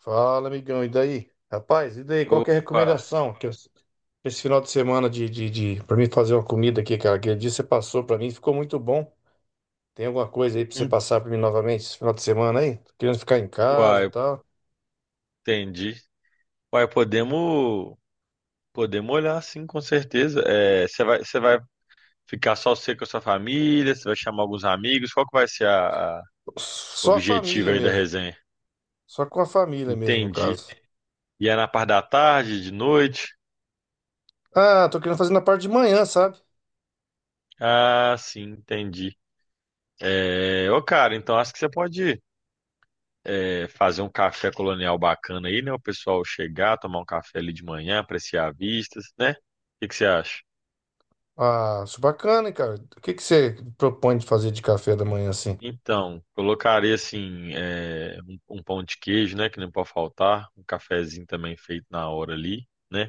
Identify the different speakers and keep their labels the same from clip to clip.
Speaker 1: Fala, amigão, e daí? Rapaz, e daí? Qual que é a
Speaker 2: Opa.
Speaker 1: recomendação que esse final de semana de para mim fazer uma comida aqui, cara? Aquele dia você passou pra mim, ficou muito bom. Tem alguma coisa aí pra você
Speaker 2: Hum.
Speaker 1: passar pra mim novamente esse final de semana aí? Tô querendo ficar em casa, e
Speaker 2: Uai,
Speaker 1: tal.
Speaker 2: entendi. Uai, podemos, podemos olhar sim, com certeza. É, você vai ficar só você com a sua família, você vai chamar alguns amigos, qual que vai ser a
Speaker 1: Só a
Speaker 2: objetivo
Speaker 1: família
Speaker 2: aí da
Speaker 1: mesmo.
Speaker 2: resenha?
Speaker 1: Só com a família mesmo, no
Speaker 2: Entendi.
Speaker 1: caso.
Speaker 2: E é na parte da tarde, de noite?
Speaker 1: Ah, tô querendo fazer na parte de manhã, sabe?
Speaker 2: Ah, sim, entendi. É, ô cara, então acho que você pode fazer um café colonial bacana aí, né? O pessoal chegar, tomar um café ali de manhã, apreciar vistas, né? O que que você acha?
Speaker 1: Ah, isso é bacana, hein, cara? O que que você propõe de fazer de café da manhã assim?
Speaker 2: Então, colocaria assim, é, um pão de queijo, né? Que não pode faltar. Um cafezinho também feito na hora ali, né?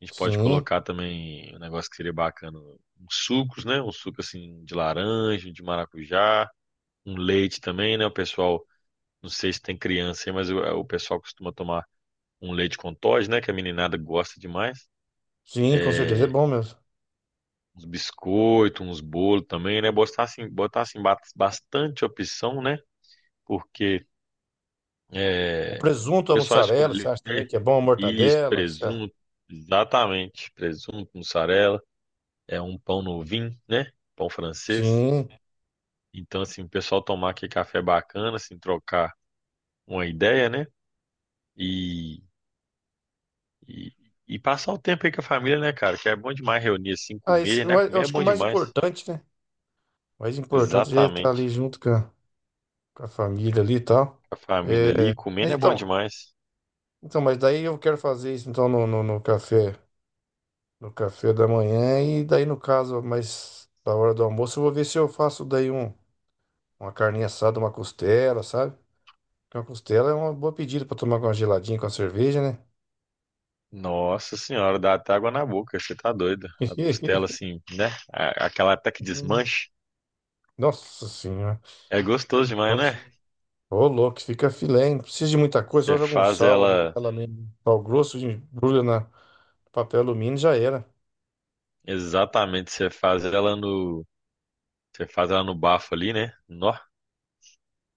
Speaker 2: A gente pode
Speaker 1: Sim,
Speaker 2: colocar também um negócio que seria bacana, uns sucos, né? Um suco assim de laranja, de maracujá, um leite também, né? O pessoal, não sei se tem criança aí, mas o pessoal costuma tomar um leite com Toddy, né? Que a meninada gosta demais.
Speaker 1: sim, com certeza é
Speaker 2: É,
Speaker 1: bom mesmo.
Speaker 2: uns biscoitos, uns bolos também, né? Botar assim bastante opção, né? Porque
Speaker 1: O
Speaker 2: é, o
Speaker 1: presunto, a
Speaker 2: pessoal
Speaker 1: mussarela, você
Speaker 2: escolher
Speaker 1: acha também que é bom a
Speaker 2: isso,
Speaker 1: mortadela? Você acha?
Speaker 2: presunto, exatamente, presunto, mussarela, é um pão no vinho, né? Pão francês.
Speaker 1: Sim.
Speaker 2: Então, assim, o pessoal tomar aquele café bacana, assim, trocar uma ideia, né? E, e, e passar o tempo aí com a família, né, cara? Que é bom demais reunir, assim,
Speaker 1: Ah, esse,
Speaker 2: comer, né?
Speaker 1: mas eu
Speaker 2: Comer é
Speaker 1: acho que o
Speaker 2: bom
Speaker 1: mais
Speaker 2: demais.
Speaker 1: importante, né? O mais importante já é estar ali
Speaker 2: Exatamente.
Speaker 1: junto com a família ali e tal.
Speaker 2: A família ali,
Speaker 1: É, mas
Speaker 2: comendo é bom
Speaker 1: então,
Speaker 2: demais.
Speaker 1: então, mas daí eu quero fazer isso então no café, no café da manhã e daí no caso, mas da hora do almoço eu vou ver se eu faço uma carninha assada, uma costela, sabe? Porque uma costela é uma boa pedida para tomar com uma geladinha, com a cerveja, né?
Speaker 2: Nossa senhora, dá até água na boca, você tá doido. A costela, assim, né? Aquela até que
Speaker 1: Hum,
Speaker 2: desmanche.
Speaker 1: nossa senhora.
Speaker 2: É gostoso demais,
Speaker 1: Vamos-
Speaker 2: né?
Speaker 1: Ô, louco, fica filé, hein? Não precisa de muita coisa, só
Speaker 2: Você
Speaker 1: joga um
Speaker 2: faz
Speaker 1: sal ali,
Speaker 2: ela
Speaker 1: ela mesmo, sal grosso, embrulha na papel alumínio, e já era.
Speaker 2: exatamente, você faz ela no, você faz ela no bafo ali, né? Nó.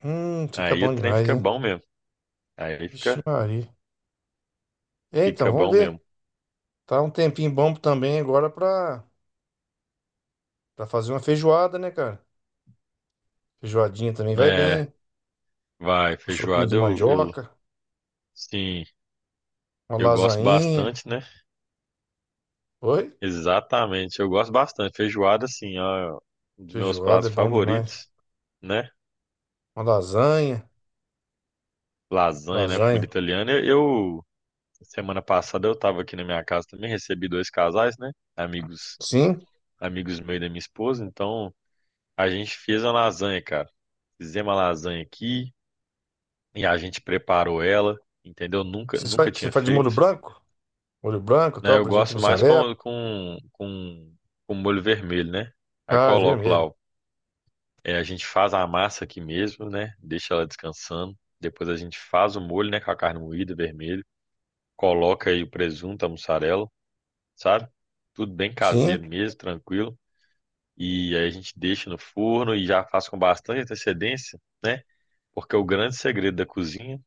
Speaker 1: Fica
Speaker 2: Aí o
Speaker 1: bom
Speaker 2: trem
Speaker 1: demais,
Speaker 2: fica
Speaker 1: hein?
Speaker 2: bom mesmo. Aí
Speaker 1: Vixe
Speaker 2: fica,
Speaker 1: Maria. É, então,
Speaker 2: fica
Speaker 1: vamos
Speaker 2: bom mesmo.
Speaker 1: ver. Tá um tempinho bom também agora pra fazer uma feijoada, né, cara? Feijoadinha também vai
Speaker 2: É,
Speaker 1: bem.
Speaker 2: vai,
Speaker 1: Uma sopinha de
Speaker 2: feijoada
Speaker 1: mandioca,
Speaker 2: sim,
Speaker 1: uma
Speaker 2: eu gosto
Speaker 1: lasainha.
Speaker 2: bastante, né?
Speaker 1: Oi?
Speaker 2: Exatamente, eu gosto bastante. Feijoada, assim, ó, um dos meus
Speaker 1: Feijoada
Speaker 2: pratos
Speaker 1: é bom demais.
Speaker 2: favoritos, né?
Speaker 1: Uma lasanha,
Speaker 2: Lasanha, né? Comida
Speaker 1: lasanha.
Speaker 2: italiana. Semana passada eu tava aqui na minha casa também, recebi dois casais, né?
Speaker 1: Sim?
Speaker 2: Amigos meus e da minha esposa, então a gente fez a lasanha, cara. Fizemos a lasanha aqui e a gente preparou ela, entendeu? Nunca
Speaker 1: Você
Speaker 2: tinha
Speaker 1: faz de molho
Speaker 2: feito,
Speaker 1: branco? Molho branco,
Speaker 2: né?
Speaker 1: tal,
Speaker 2: Eu
Speaker 1: presunto e
Speaker 2: gosto mais
Speaker 1: mussarela.
Speaker 2: com molho vermelho, né? Aí
Speaker 1: Ah,
Speaker 2: coloco lá,
Speaker 1: vermelho.
Speaker 2: é, a gente faz a massa aqui mesmo, né? Deixa ela descansando. Depois a gente faz o molho, né? Com a carne moída, vermelho. Coloca aí o presunto, a mussarela, sabe? Tudo bem
Speaker 1: Sim.
Speaker 2: caseiro mesmo, tranquilo. E aí a gente deixa no forno e já faz com bastante antecedência, né? Porque o grande segredo da cozinha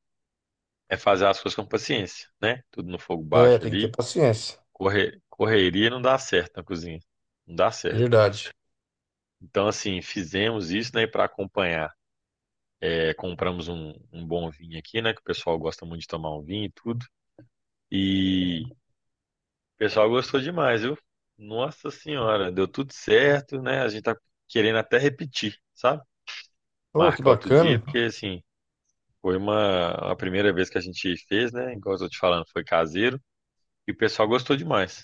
Speaker 2: é fazer as coisas com paciência, né? Tudo no fogo
Speaker 1: É,
Speaker 2: baixo
Speaker 1: tem que ter
Speaker 2: ali.
Speaker 1: paciência.
Speaker 2: Correria não dá certo na cozinha. Não dá certo.
Speaker 1: Verdade.
Speaker 2: Então, assim, fizemos isso, né? Para acompanhar, é, compramos um bom vinho aqui, né? Que o pessoal gosta muito de tomar um vinho e tudo. E o pessoal gostou demais, viu? Nossa Senhora, deu tudo certo, né? A gente tá querendo até repetir, sabe?
Speaker 1: Oh, que
Speaker 2: Marcar outro dia,
Speaker 1: bacana.
Speaker 2: porque assim. Foi uma, a primeira vez que a gente fez, né? Igual eu tô te falando, foi caseiro. E o pessoal gostou demais.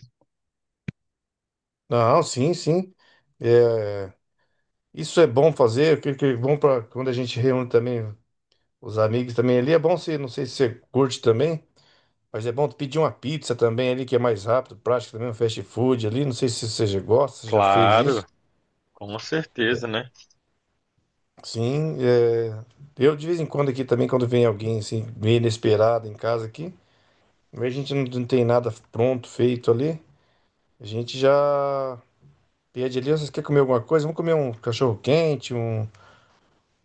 Speaker 1: Não, sim, sim. É, isso é bom fazer, que é bom para quando a gente reúne também os amigos também ali. É bom se, não sei se você curte também, mas é bom pedir uma pizza também ali, que é mais rápido, prático também, um fast food ali. Não sei se você já gosta, se já fez
Speaker 2: Claro,
Speaker 1: isso.
Speaker 2: com
Speaker 1: É,
Speaker 2: certeza, né?
Speaker 1: sim, é, eu de vez em quando aqui também, quando vem alguém assim, meio inesperado em casa aqui, a gente não tem nada pronto, feito ali. A gente já. Dia de Deus, vocês querem comer alguma coisa? Vamos comer um cachorro quente,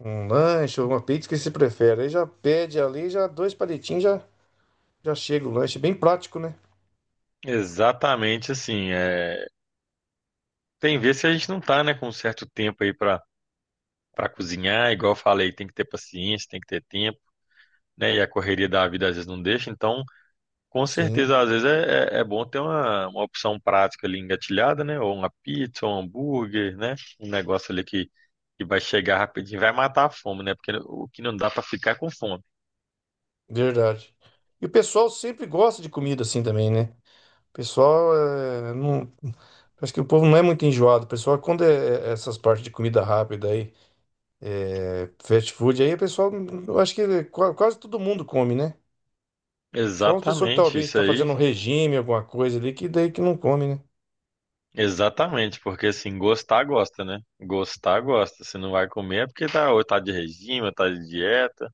Speaker 1: um lanche, uma pizza, o que você prefere. Aí já pede ali, já dois palitinhos, já, já chega o lanche. Bem prático, né?
Speaker 2: Exatamente assim. É... tem vezes que a gente não tá, né, com um certo tempo aí pra, para cozinhar. Igual eu falei, tem que ter paciência, tem que ter tempo, né? E a correria da vida às vezes não deixa. Então, com
Speaker 1: Sim,
Speaker 2: certeza, às vezes é bom ter uma opção prática ali engatilhada, né? Ou uma pizza, ou um hambúrguer, né? Um negócio ali que vai chegar rapidinho, vai matar a fome, né? Porque o que não dá pra ficar é com fome.
Speaker 1: verdade. E o pessoal sempre gosta de comida assim também, né? O pessoal é, não, acho que o povo não é muito enjoado. O pessoal, quando é essas partes de comida rápida aí, é fast food, aí o pessoal, eu acho que quase todo mundo come, né? Só umas pessoas que
Speaker 2: Exatamente,
Speaker 1: talvez
Speaker 2: isso
Speaker 1: está
Speaker 2: aí.
Speaker 1: fazendo um regime, alguma coisa ali, que daí que não come, né?
Speaker 2: Exatamente, porque assim, gostar gosta, né? Gostar gosta. Se não vai comer é porque tá, ou tá de regime, ou tá de dieta,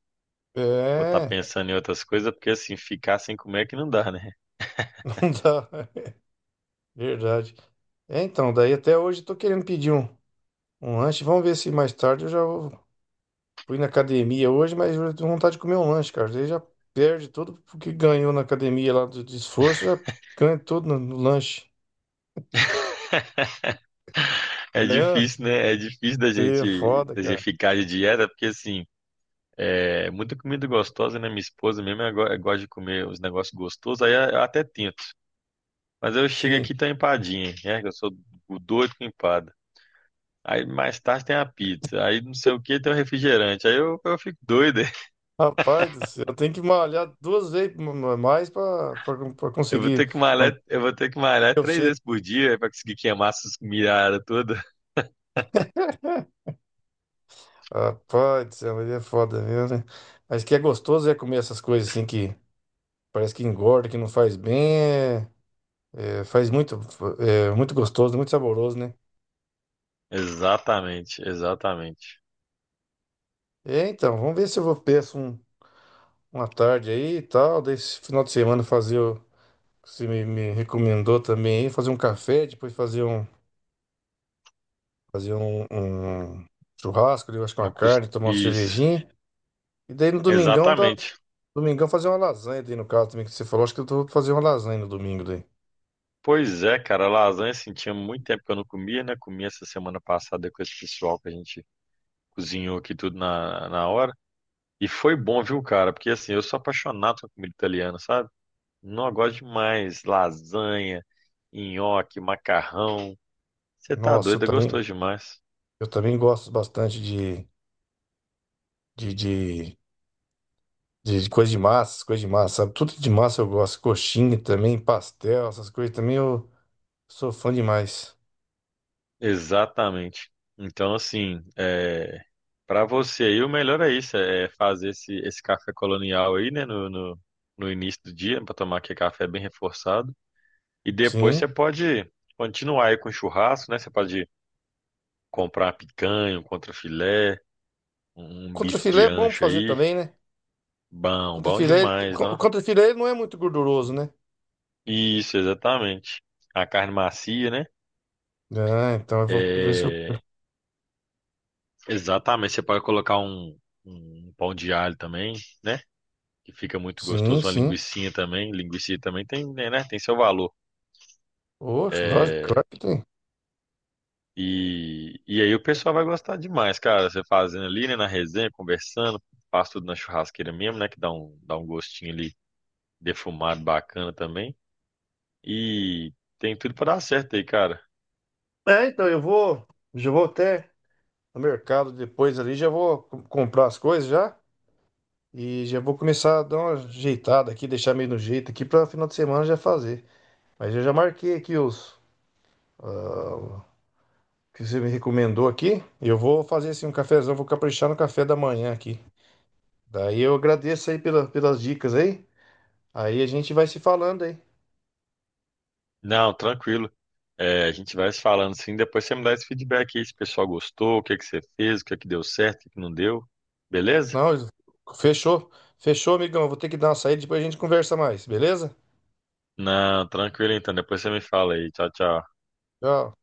Speaker 2: ou tá
Speaker 1: É.
Speaker 2: pensando em outras coisas, porque assim, ficar sem comer é que não dá, né?
Speaker 1: Tá, verdade. É, então, daí até hoje eu tô querendo pedir um lanche. Vamos ver se mais tarde eu fui na academia hoje, mas eu tenho vontade de comer um lanche, cara. Daí já perde tudo o que ganhou na academia lá do, de esforço, já ganha tudo no, no lanche.
Speaker 2: É
Speaker 1: É,
Speaker 2: difícil, né? É difícil
Speaker 1: é foda,
Speaker 2: da gente
Speaker 1: cara.
Speaker 2: ficar de dieta, porque assim, é muita comida gostosa, né? Minha esposa mesmo ela gosta de comer os negócios gostosos, aí eu até tento. Mas eu chego
Speaker 1: Sim.
Speaker 2: aqui e tá empadinha, né? Que eu sou o doido com empada. Aí mais tarde tem a pizza, aí não sei o que tem o refrigerante. Aí eu fico doido.
Speaker 1: Rapaz do céu, eu tenho que malhar duas vezes mais pra
Speaker 2: Eu vou
Speaker 1: conseguir
Speaker 2: ter que
Speaker 1: manter
Speaker 2: malhar, eu vou ter que malhar
Speaker 1: o
Speaker 2: três
Speaker 1: shape.
Speaker 2: vezes por dia para conseguir queimar essas miradas todas.
Speaker 1: Rapaz do céu, mas é foda mesmo, né? Mas que é gostoso é comer essas coisas assim que. Parece que engorda, que não faz bem. É, é, faz muito, é, muito gostoso, muito saboroso, né?
Speaker 2: Exatamente, exatamente.
Speaker 1: É, então, vamos ver se eu vou peço um, uma tarde aí e tal. Daí, esse final de semana, fazer o que você me, me recomendou também aí, fazer um café, depois fazer um churrasco, eu acho que uma
Speaker 2: Não custa
Speaker 1: carne, tomar uma
Speaker 2: isso.
Speaker 1: cervejinha. E daí no domingão, dá,
Speaker 2: Exatamente.
Speaker 1: domingão fazer uma lasanha daí no caso também que você falou. Acho que eu vou fazer uma lasanha no domingo daí.
Speaker 2: Pois é, cara, lasanha assim, tinha muito tempo que eu não comia, né? Comi essa semana passada com esse pessoal que a gente cozinhou aqui tudo na hora. E foi bom, viu, cara? Porque assim, eu sou apaixonado com comida italiana, sabe? Não, eu gosto demais. Lasanha, nhoque, macarrão. Você tá
Speaker 1: Nossa,
Speaker 2: doido, é gostoso demais.
Speaker 1: eu também gosto bastante de, de de coisa de massa, essas coisas de massa, sabe? Tudo de massa eu gosto. Coxinha também, pastel, essas coisas também eu sou fã demais.
Speaker 2: Exatamente. Então, assim, é... para você aí, o melhor é isso, é fazer esse café colonial aí, né, no início do dia, para tomar aquele café bem reforçado. E depois
Speaker 1: Sim.
Speaker 2: você pode continuar aí com churrasco, né? Você pode comprar uma picanha, um contrafilé, um bife
Speaker 1: Contrafilé
Speaker 2: de
Speaker 1: é bom pra
Speaker 2: ancho
Speaker 1: fazer
Speaker 2: aí.
Speaker 1: também, né?
Speaker 2: Bom, bom
Speaker 1: Contrafilé, ele-
Speaker 2: demais,
Speaker 1: o
Speaker 2: não?
Speaker 1: contrafilé ele não é muito gorduroso, né?
Speaker 2: Isso, exatamente. A carne macia, né?
Speaker 1: Ah, então eu vou ver se eu.
Speaker 2: É, exatamente. Você pode colocar um pão de alho também, né? Que fica muito
Speaker 1: Sim,
Speaker 2: gostoso. Uma
Speaker 1: sim.
Speaker 2: linguicinha também. Linguiça também tem, né? Né? Tem seu valor.
Speaker 1: Oxe, lógico,
Speaker 2: É,
Speaker 1: claro que tem.
Speaker 2: e aí o pessoal vai gostar demais, cara. Você fazendo ali, né? Na resenha, conversando. Faz tudo na churrasqueira mesmo, né? Que dá dá um gostinho ali defumado bacana também. E tem tudo pra dar certo aí, cara.
Speaker 1: É, então eu vou. Já vou até no mercado depois ali, já vou comprar as coisas já. E já vou começar a dar uma ajeitada aqui, deixar meio no jeito aqui pra final de semana já fazer. Mas eu já marquei aqui os. Ah, que você me recomendou aqui. E eu vou fazer assim um cafezão, vou caprichar no café da manhã aqui. Daí eu agradeço aí pela, pelas dicas aí. Aí a gente vai se falando aí.
Speaker 2: Não, tranquilo. É, a gente vai se falando sim. Depois você me dá esse feedback aí, se o pessoal gostou, o que que você fez, o que que deu certo, o que que não deu. Beleza?
Speaker 1: Não, fechou. Fechou, amigão. Eu vou ter que dar uma saída, depois a gente conversa mais, beleza?
Speaker 2: Não, tranquilo então. Depois você me fala aí. Tchau, tchau.
Speaker 1: Tchau.